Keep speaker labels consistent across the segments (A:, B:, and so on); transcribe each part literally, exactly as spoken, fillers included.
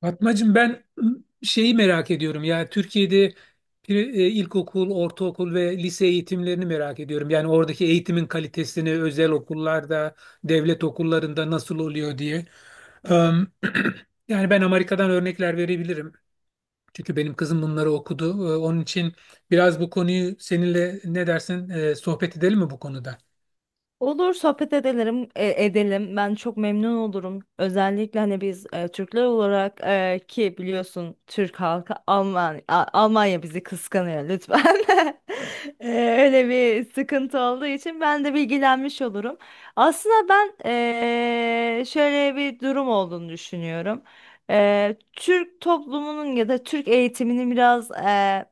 A: Fatmacığım ben şeyi merak ediyorum ya Türkiye'de pri- e, ilkokul, ortaokul ve lise eğitimlerini merak ediyorum. Yani oradaki eğitimin kalitesini özel okullarda, devlet okullarında nasıl oluyor diye. Em, yani ben Amerika'dan örnekler verebilirim. Çünkü benim kızım bunları okudu. E, Onun için biraz bu konuyu seninle ne dersin e, sohbet edelim mi bu konuda?
B: Olur sohbet edelim, e, edelim. Ben çok memnun olurum. Özellikle hani biz e, Türkler olarak e, ki biliyorsun Türk halkı Alman A- Almanya bizi kıskanıyor lütfen. E, Öyle bir sıkıntı olduğu için ben de bilgilenmiş olurum. Aslında ben e, şöyle bir durum olduğunu düşünüyorum. E, Türk toplumunun ya da Türk eğitiminin biraz e,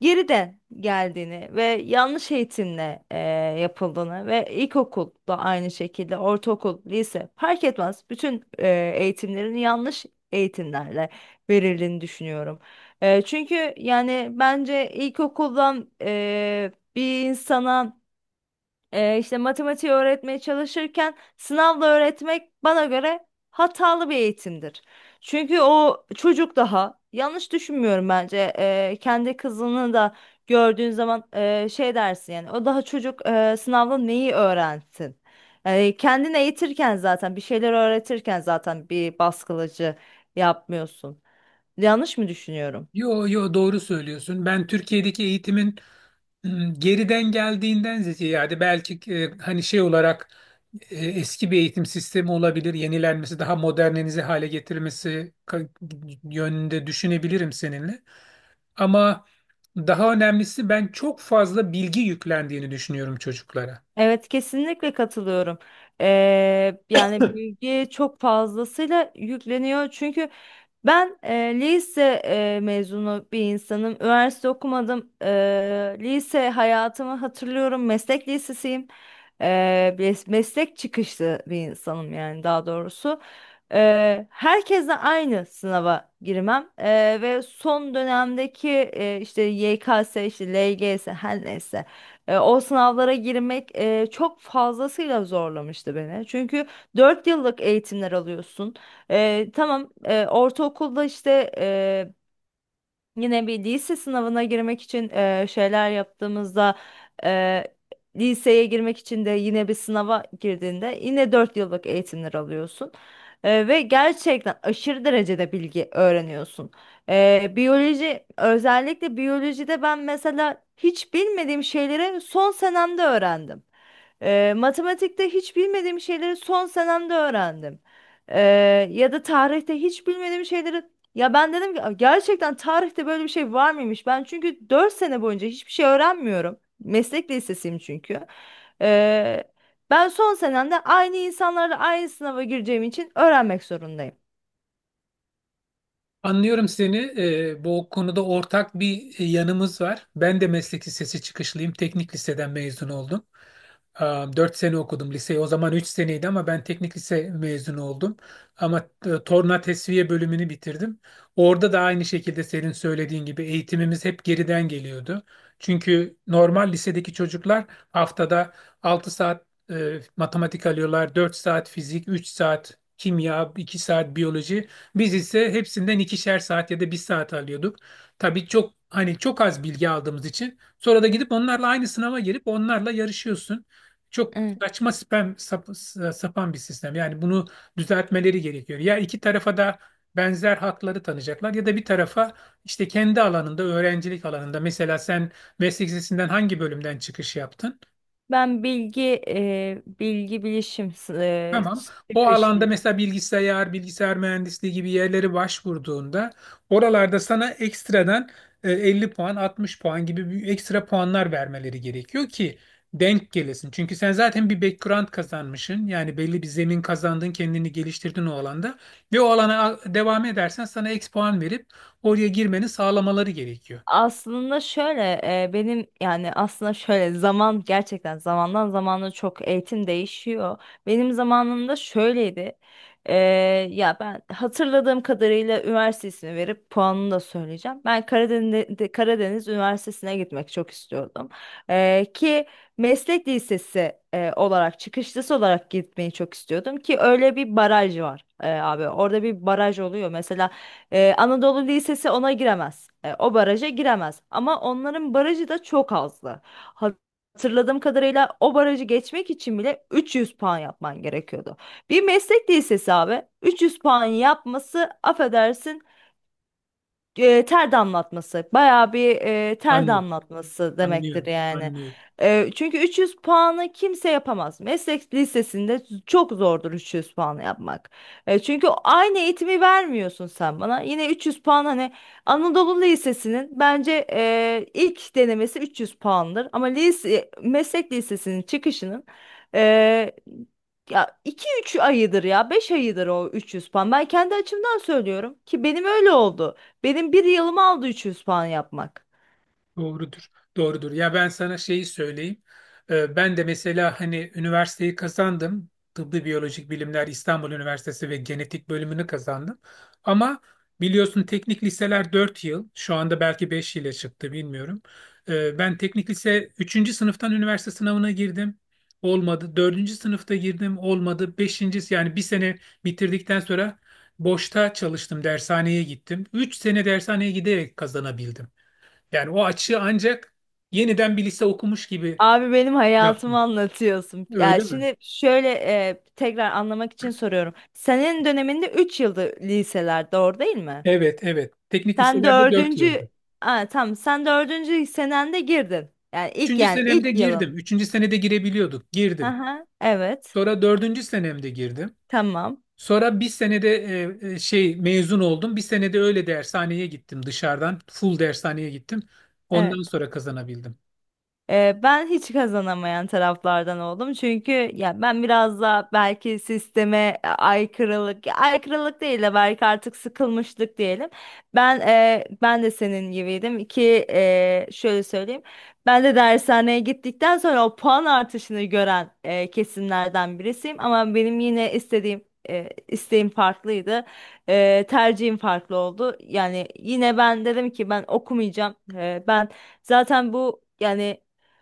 B: geriden geldiğini ve yanlış eğitimle e, yapıldığını ve ilkokul da aynı şekilde ortaokul, lise fark etmez bütün e, eğitimlerin yanlış eğitimlerle verildiğini düşünüyorum. E, çünkü yani bence ilkokuldan e, bir insana ee, işte matematiği öğretmeye çalışırken sınavla öğretmek bana göre hatalı bir eğitimdir. Çünkü o çocuk daha yanlış düşünmüyorum bence. Ee, kendi kızını da gördüğün zaman e, şey dersin yani o daha çocuk, e, sınavla neyi öğrensin? Yani kendini eğitirken zaten bir şeyler öğretirken zaten bir baskılıcı yapmıyorsun. Yanlış mı düşünüyorum?
A: Yo yo, doğru söylüyorsun. Ben Türkiye'deki eğitimin Hmm, geriden geldiğinden ziyade yani belki e, hani şey olarak e, eski bir eğitim sistemi olabilir, yenilenmesi, daha modernize hale getirilmesi ka- yönünde düşünebilirim seninle. Ama daha önemlisi ben çok fazla bilgi yüklendiğini düşünüyorum çocuklara.
B: Evet, kesinlikle katılıyorum. Ee, yani bilgi çok fazlasıyla yükleniyor. Çünkü ben e, lise e, mezunu bir insanım. Üniversite okumadım. Ee, lise hayatımı hatırlıyorum. Meslek lisesiyim. Ee, mes- meslek çıkışlı bir insanım yani daha doğrusu. Ee, herkesle aynı sınava girmem. Ee, ve son dönemdeki e, işte Y K S, işte L G S her neyse. E, o sınavlara girmek e, çok fazlasıyla zorlamıştı beni. Çünkü dört yıllık eğitimler alıyorsun. E, tamam, e, ortaokulda işte yine bir lise sınavına girmek için e, şeyler yaptığımızda, e, liseye girmek için de yine bir sınava girdiğinde yine dört yıllık eğitimler alıyorsun. E, ve gerçekten aşırı derecede bilgi öğreniyorsun. E, biyoloji, özellikle biyolojide ben mesela hiç bilmediğim şeyleri son senemde öğrendim. E, matematikte hiç bilmediğim şeyleri son senemde öğrendim. E, Ya da tarihte hiç bilmediğim şeyleri, ya ben dedim ki "Aa, gerçekten tarihte böyle bir şey var mıymış?" Ben çünkü dört sene boyunca hiçbir şey öğrenmiyorum. Meslek lisesiyim çünkü. Ee, Ben son senemde aynı insanlarla aynı sınava gireceğim için öğrenmek zorundayım.
A: Anlıyorum seni. Ee, bu konuda ortak bir e, yanımız var. Ben de meslek lisesi çıkışlıyım. Teknik liseden mezun oldum. Dört sene okudum liseyi. O zaman üç seneydi ama ben teknik lise mezunu oldum. Ama e, torna tesviye bölümünü bitirdim. Orada da aynı şekilde senin söylediğin gibi eğitimimiz hep geriden geliyordu. Çünkü normal lisedeki çocuklar haftada altı saat e, matematik alıyorlar, dört saat fizik, üç saat kimya, iki saat biyoloji. Biz ise hepsinden ikişer saat ya da bir saat alıyorduk. Tabii çok hani çok az bilgi aldığımız için sonra da gidip onlarla aynı sınava girip onlarla yarışıyorsun. Çok
B: Evet.
A: saçma spam, sap- sapan bir sistem. Yani bunu düzeltmeleri gerekiyor. Ya iki tarafa da benzer hakları tanıyacaklar ya da bir tarafa işte kendi alanında öğrencilik alanında mesela sen meslek lisesinden hangi bölümden çıkış yaptın?
B: Ben bilgi e, bilgi bilişim e,
A: Tamam. O
B: çıkışlı.
A: alanda mesela bilgisayar, bilgisayar mühendisliği gibi yerlere başvurduğunda oralarda sana ekstradan e, 50 puan, 60 puan gibi bir ekstra puanlar vermeleri gerekiyor ki denk gelesin. Çünkü sen zaten bir background kazanmışsın. Yani belli bir zemin kazandın, kendini geliştirdin o alanda ve o alana a- devam edersen sana ek puan verip oraya girmeni sağlamaları gerekiyor.
B: Aslında şöyle, e, benim yani aslında şöyle zaman gerçekten zamandan zamana çok eğitim değişiyor. Benim zamanımda şöyleydi. E, Ya ben hatırladığım kadarıyla üniversite ismi verip puanını da söyleyeceğim. Ben Karadeniz, Karadeniz Üniversitesi'ne gitmek çok istiyordum. E, ki meslek lisesi e, olarak çıkışlısı olarak gitmeyi çok istiyordum ki öyle bir baraj var e, abi. Orada bir baraj oluyor. Mesela ee, Anadolu Lisesi ona giremez. Ee, o baraja giremez. Ama onların barajı da çok azdı. Ha- Hatırladığım kadarıyla o barajı geçmek için bile üç yüz puan yapman gerekiyordu. Bir meslek lisesi abi üç yüz puan yapması, affedersin, e, ter damlatması. Bayağı bir e, ter
A: Anladım.
B: damlatması demektir
A: Anlıyorum.
B: yani.
A: Anlıyorum.
B: E, çünkü üç yüz puanı kimse yapamaz. Meslek lisesinde çok zordur üç yüz puanı yapmak. E, çünkü aynı eğitimi vermiyorsun sen bana. Yine üç yüz puan, hani Anadolu Lisesi'nin bence e, ilk denemesi üç yüz puandır. Ama lise, meslek lisesinin çıkışının e, ya iki üç ayıdır ya beş ayıdır o üç yüz puan. Ben kendi açımdan söylüyorum ki benim öyle oldu. Benim bir yılımı aldı üç yüz puan yapmak.
A: Doğrudur. Doğrudur. Ya ben sana şeyi söyleyeyim. Ee, ben de mesela hani üniversiteyi kazandım. Tıbbi Biyolojik Bilimler İstanbul Üniversitesi ve genetik bölümünü kazandım. Ama biliyorsun teknik liseler dört yıl. Şu anda belki beş ile çıktı bilmiyorum. Ee, ben teknik lise üçüncü sınıftan üniversite sınavına girdim. Olmadı. Dördüncü sınıfta girdim. Olmadı. beşinci yani bir sene bitirdikten sonra boşta çalıştım. Dershaneye gittim. Üç sene dershaneye giderek kazanabildim. Yani o açığı ancak yeniden bir lise okumuş gibi
B: Abi benim hayatımı
A: yaptım.
B: anlatıyorsun. Yani
A: Öyle mi?
B: şimdi şöyle, e, tekrar anlamak için soruyorum. Senin döneminde üç yıldı liseler, doğru değil mi?
A: Evet, evet. Teknik
B: Sen
A: liselerde dört
B: dördüncü
A: yıldı.
B: Aa, tamam, sen dördüncü senende girdin. Yani ilk
A: Üçüncü
B: yani
A: senemde
B: ilk
A: girdim.
B: yılın.
A: Üçüncü senede girebiliyorduk. Girdim.
B: Aha, evet,
A: Sonra dördüncü senemde girdim.
B: tamam.
A: Sonra bir senede e, e, şey mezun oldum. Bir senede öyle dershaneye gittim dışarıdan. Full dershaneye gittim.
B: Evet.
A: Ondan sonra kazanabildim.
B: Ee, ben hiç kazanamayan taraflardan oldum. Çünkü ya ben biraz da belki sisteme e, aykırılık, ya aykırılık değil de belki artık sıkılmışlık diyelim. Ben e, ben de senin gibiydim ki, e, şöyle söyleyeyim. Ben de dershaneye gittikten sonra o puan artışını gören e, kesimlerden birisiyim. Ama benim yine istediğim, e, isteğim farklıydı. E, tercihim farklı oldu. Yani yine ben dedim ki ben okumayacağım. E, ben zaten bu yani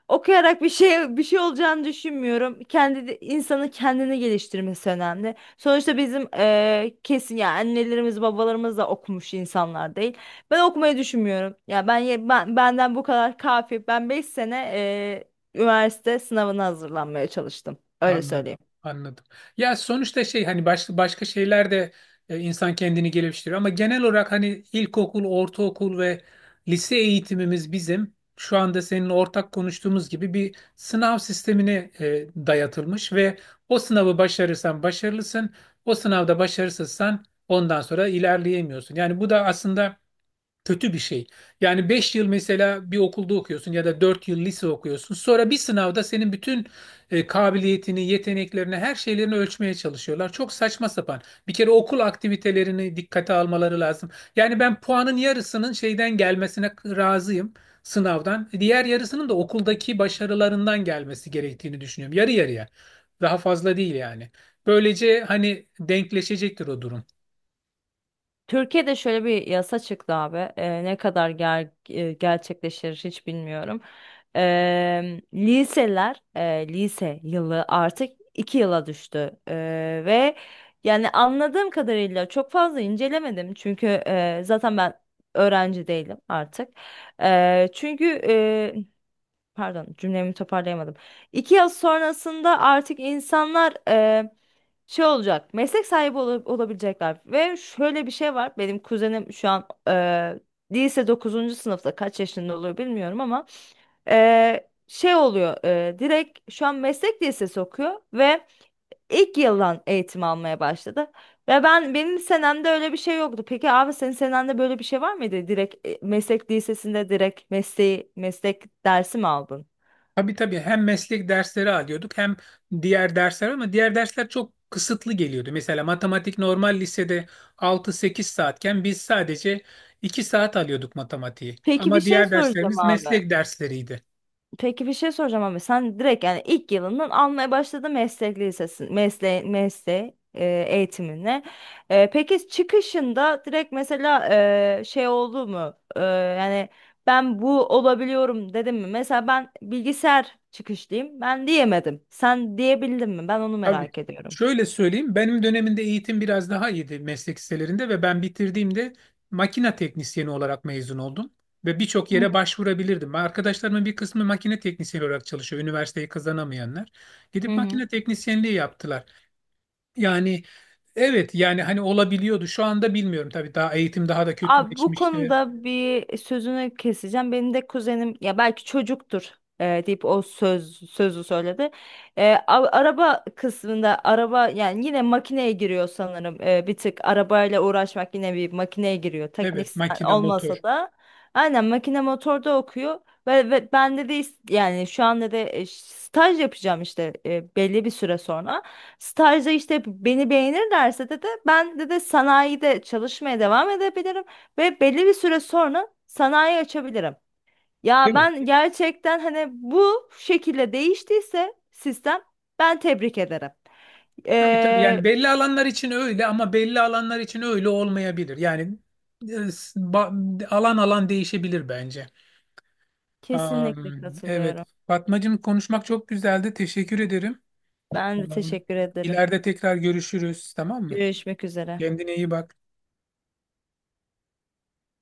B: okuyarak bir şey bir şey olacağını düşünmüyorum. Kendi de- insanın kendini geliştirmesi önemli. Sonuçta bizim eee, kesin ya annelerimiz babalarımız da okumuş insanlar değil. Ben okumayı düşünmüyorum. Ya ben, ye- ben, benden bu kadar kafi. Ben beş sene eee, üniversite sınavına hazırlanmaya çalıştım. Öyle
A: Anladım,
B: söyleyeyim.
A: anladım. Ya sonuçta şey hani başka başka şeyler de e, insan kendini geliştiriyor ama genel olarak hani ilkokul, ortaokul ve lise eğitimimiz bizim şu anda senin ortak konuştuğumuz gibi bir sınav sistemine e, dayatılmış ve o sınavı başarırsan başarılısın, o sınavda başarısızsan ondan sonra ilerleyemiyorsun. Yani bu da aslında kötü bir şey. Yani beş yıl mesela bir okulda okuyorsun ya da dört yıl lise okuyorsun. Sonra bir sınavda senin bütün e, kabiliyetini, yeteneklerini, her şeylerini ölçmeye çalışıyorlar. Çok saçma sapan. Bir kere okul aktivitelerini dikkate almaları lazım. Yani ben puanın yarısının şeyden gelmesine razıyım sınavdan. Diğer yarısının da okuldaki başarılarından gelmesi gerektiğini düşünüyorum. Yarı yarıya. Daha fazla değil yani. Böylece hani denkleşecektir o durum.
B: Türkiye'de şöyle bir yasa çıktı abi. Ee, ne kadar ger e, gerçekleşir hiç bilmiyorum. Ee, liseler, e, lise yılı artık iki yıla düştü. Ee, ve yani anladığım kadarıyla çok fazla incelemedim. Çünkü e, zaten ben öğrenci değilim artık. Ee, çünkü e, Pardon, cümlemi toparlayamadım. İki yıl sonrasında artık insanlar şey olacak, meslek sahibi ola- olabilecekler ve şöyle bir şey var, benim kuzenim şu an eee, lise dokuzuncu sınıfta, kaç yaşında oluyor bilmiyorum ama eee, şey oluyor, eee, direkt şu an meslek lisesi okuyor ve ilk yıldan eğitim almaya başladı ve ben, benim senemde öyle bir şey yoktu. Peki abi senin senende böyle bir şey var mıydı, direkt e, meslek lisesinde direkt mesleği meslek dersi mi aldın?
A: Tabii tabii hem meslek dersleri alıyorduk hem diğer dersler ama diğer dersler çok kısıtlı geliyordu. Mesela matematik normal lisede altı sekiz saatken biz sadece iki saat alıyorduk matematiği.
B: Peki bir
A: Ama
B: şey
A: diğer
B: soracağım
A: derslerimiz
B: abi.
A: meslek dersleriydi.
B: Peki bir şey soracağım, ama sen direkt yani ilk yılından almaya başladın meslek lisesi mesle mesleği e, eğitimine. E, peki çıkışında direkt mesela e, şey oldu mu? E, yani ben bu olabiliyorum dedim mi? Mesela ben bilgisayar çıkışlıyım. Ben diyemedim. Sen diyebildin mi? Ben onu
A: Tabii.
B: merak ediyorum.
A: Şöyle söyleyeyim, benim dönemimde eğitim biraz daha iyiydi meslek liselerinde ve ben bitirdiğimde makine teknisyeni olarak mezun oldum. Ve birçok
B: Hı
A: yere
B: hı.
A: başvurabilirdim. Arkadaşlarımın bir kısmı makine teknisyeni olarak çalışıyor, üniversiteyi kazanamayanlar.
B: Hı
A: Gidip
B: hı.
A: makine teknisyenliği yaptılar. Yani evet yani hani olabiliyordu. Şu anda bilmiyorum tabii daha eğitim daha da
B: Abi bu
A: kötüleşmiştir.
B: konuda bir sözünü keseceğim. Benim de kuzenim ya belki çocuktur e, deyip o söz sözü söyledi. E, a- araba kısmında, araba yani yine makineye giriyor sanırım. E, bir tık arabayla uğraşmak yine bir makineye giriyor. Teknik
A: Evet
B: sa-
A: makine motor.
B: olmasa da aynen makine motorda okuyor. Ve, ve ben de, de is- yani şu anda da e, staj yapacağım işte e, belli bir süre sonra. Stajda işte beni beğenirlerse de de ben de de sanayide çalışmaya devam edebilirim ve belli bir süre sonra sanayi açabilirim. Ya
A: Evet.
B: ben gerçekten hani bu şekilde değiştiyse sistem ben tebrik ederim.
A: Tabii tabii
B: Ee,
A: yani belli alanlar için öyle ama belli alanlar için öyle olmayabilir. Yani e, s- ba- alan alan değişebilir bence.
B: Kesinlikle
A: Am, evet
B: katılıyorum.
A: Fatmacığım, konuşmak çok güzeldi. Teşekkür ederim.
B: Ben de
A: Am,
B: teşekkür ederim.
A: ileride tekrar görüşürüz, tamam mı?
B: Görüşmek üzere.
A: Kendine iyi bak.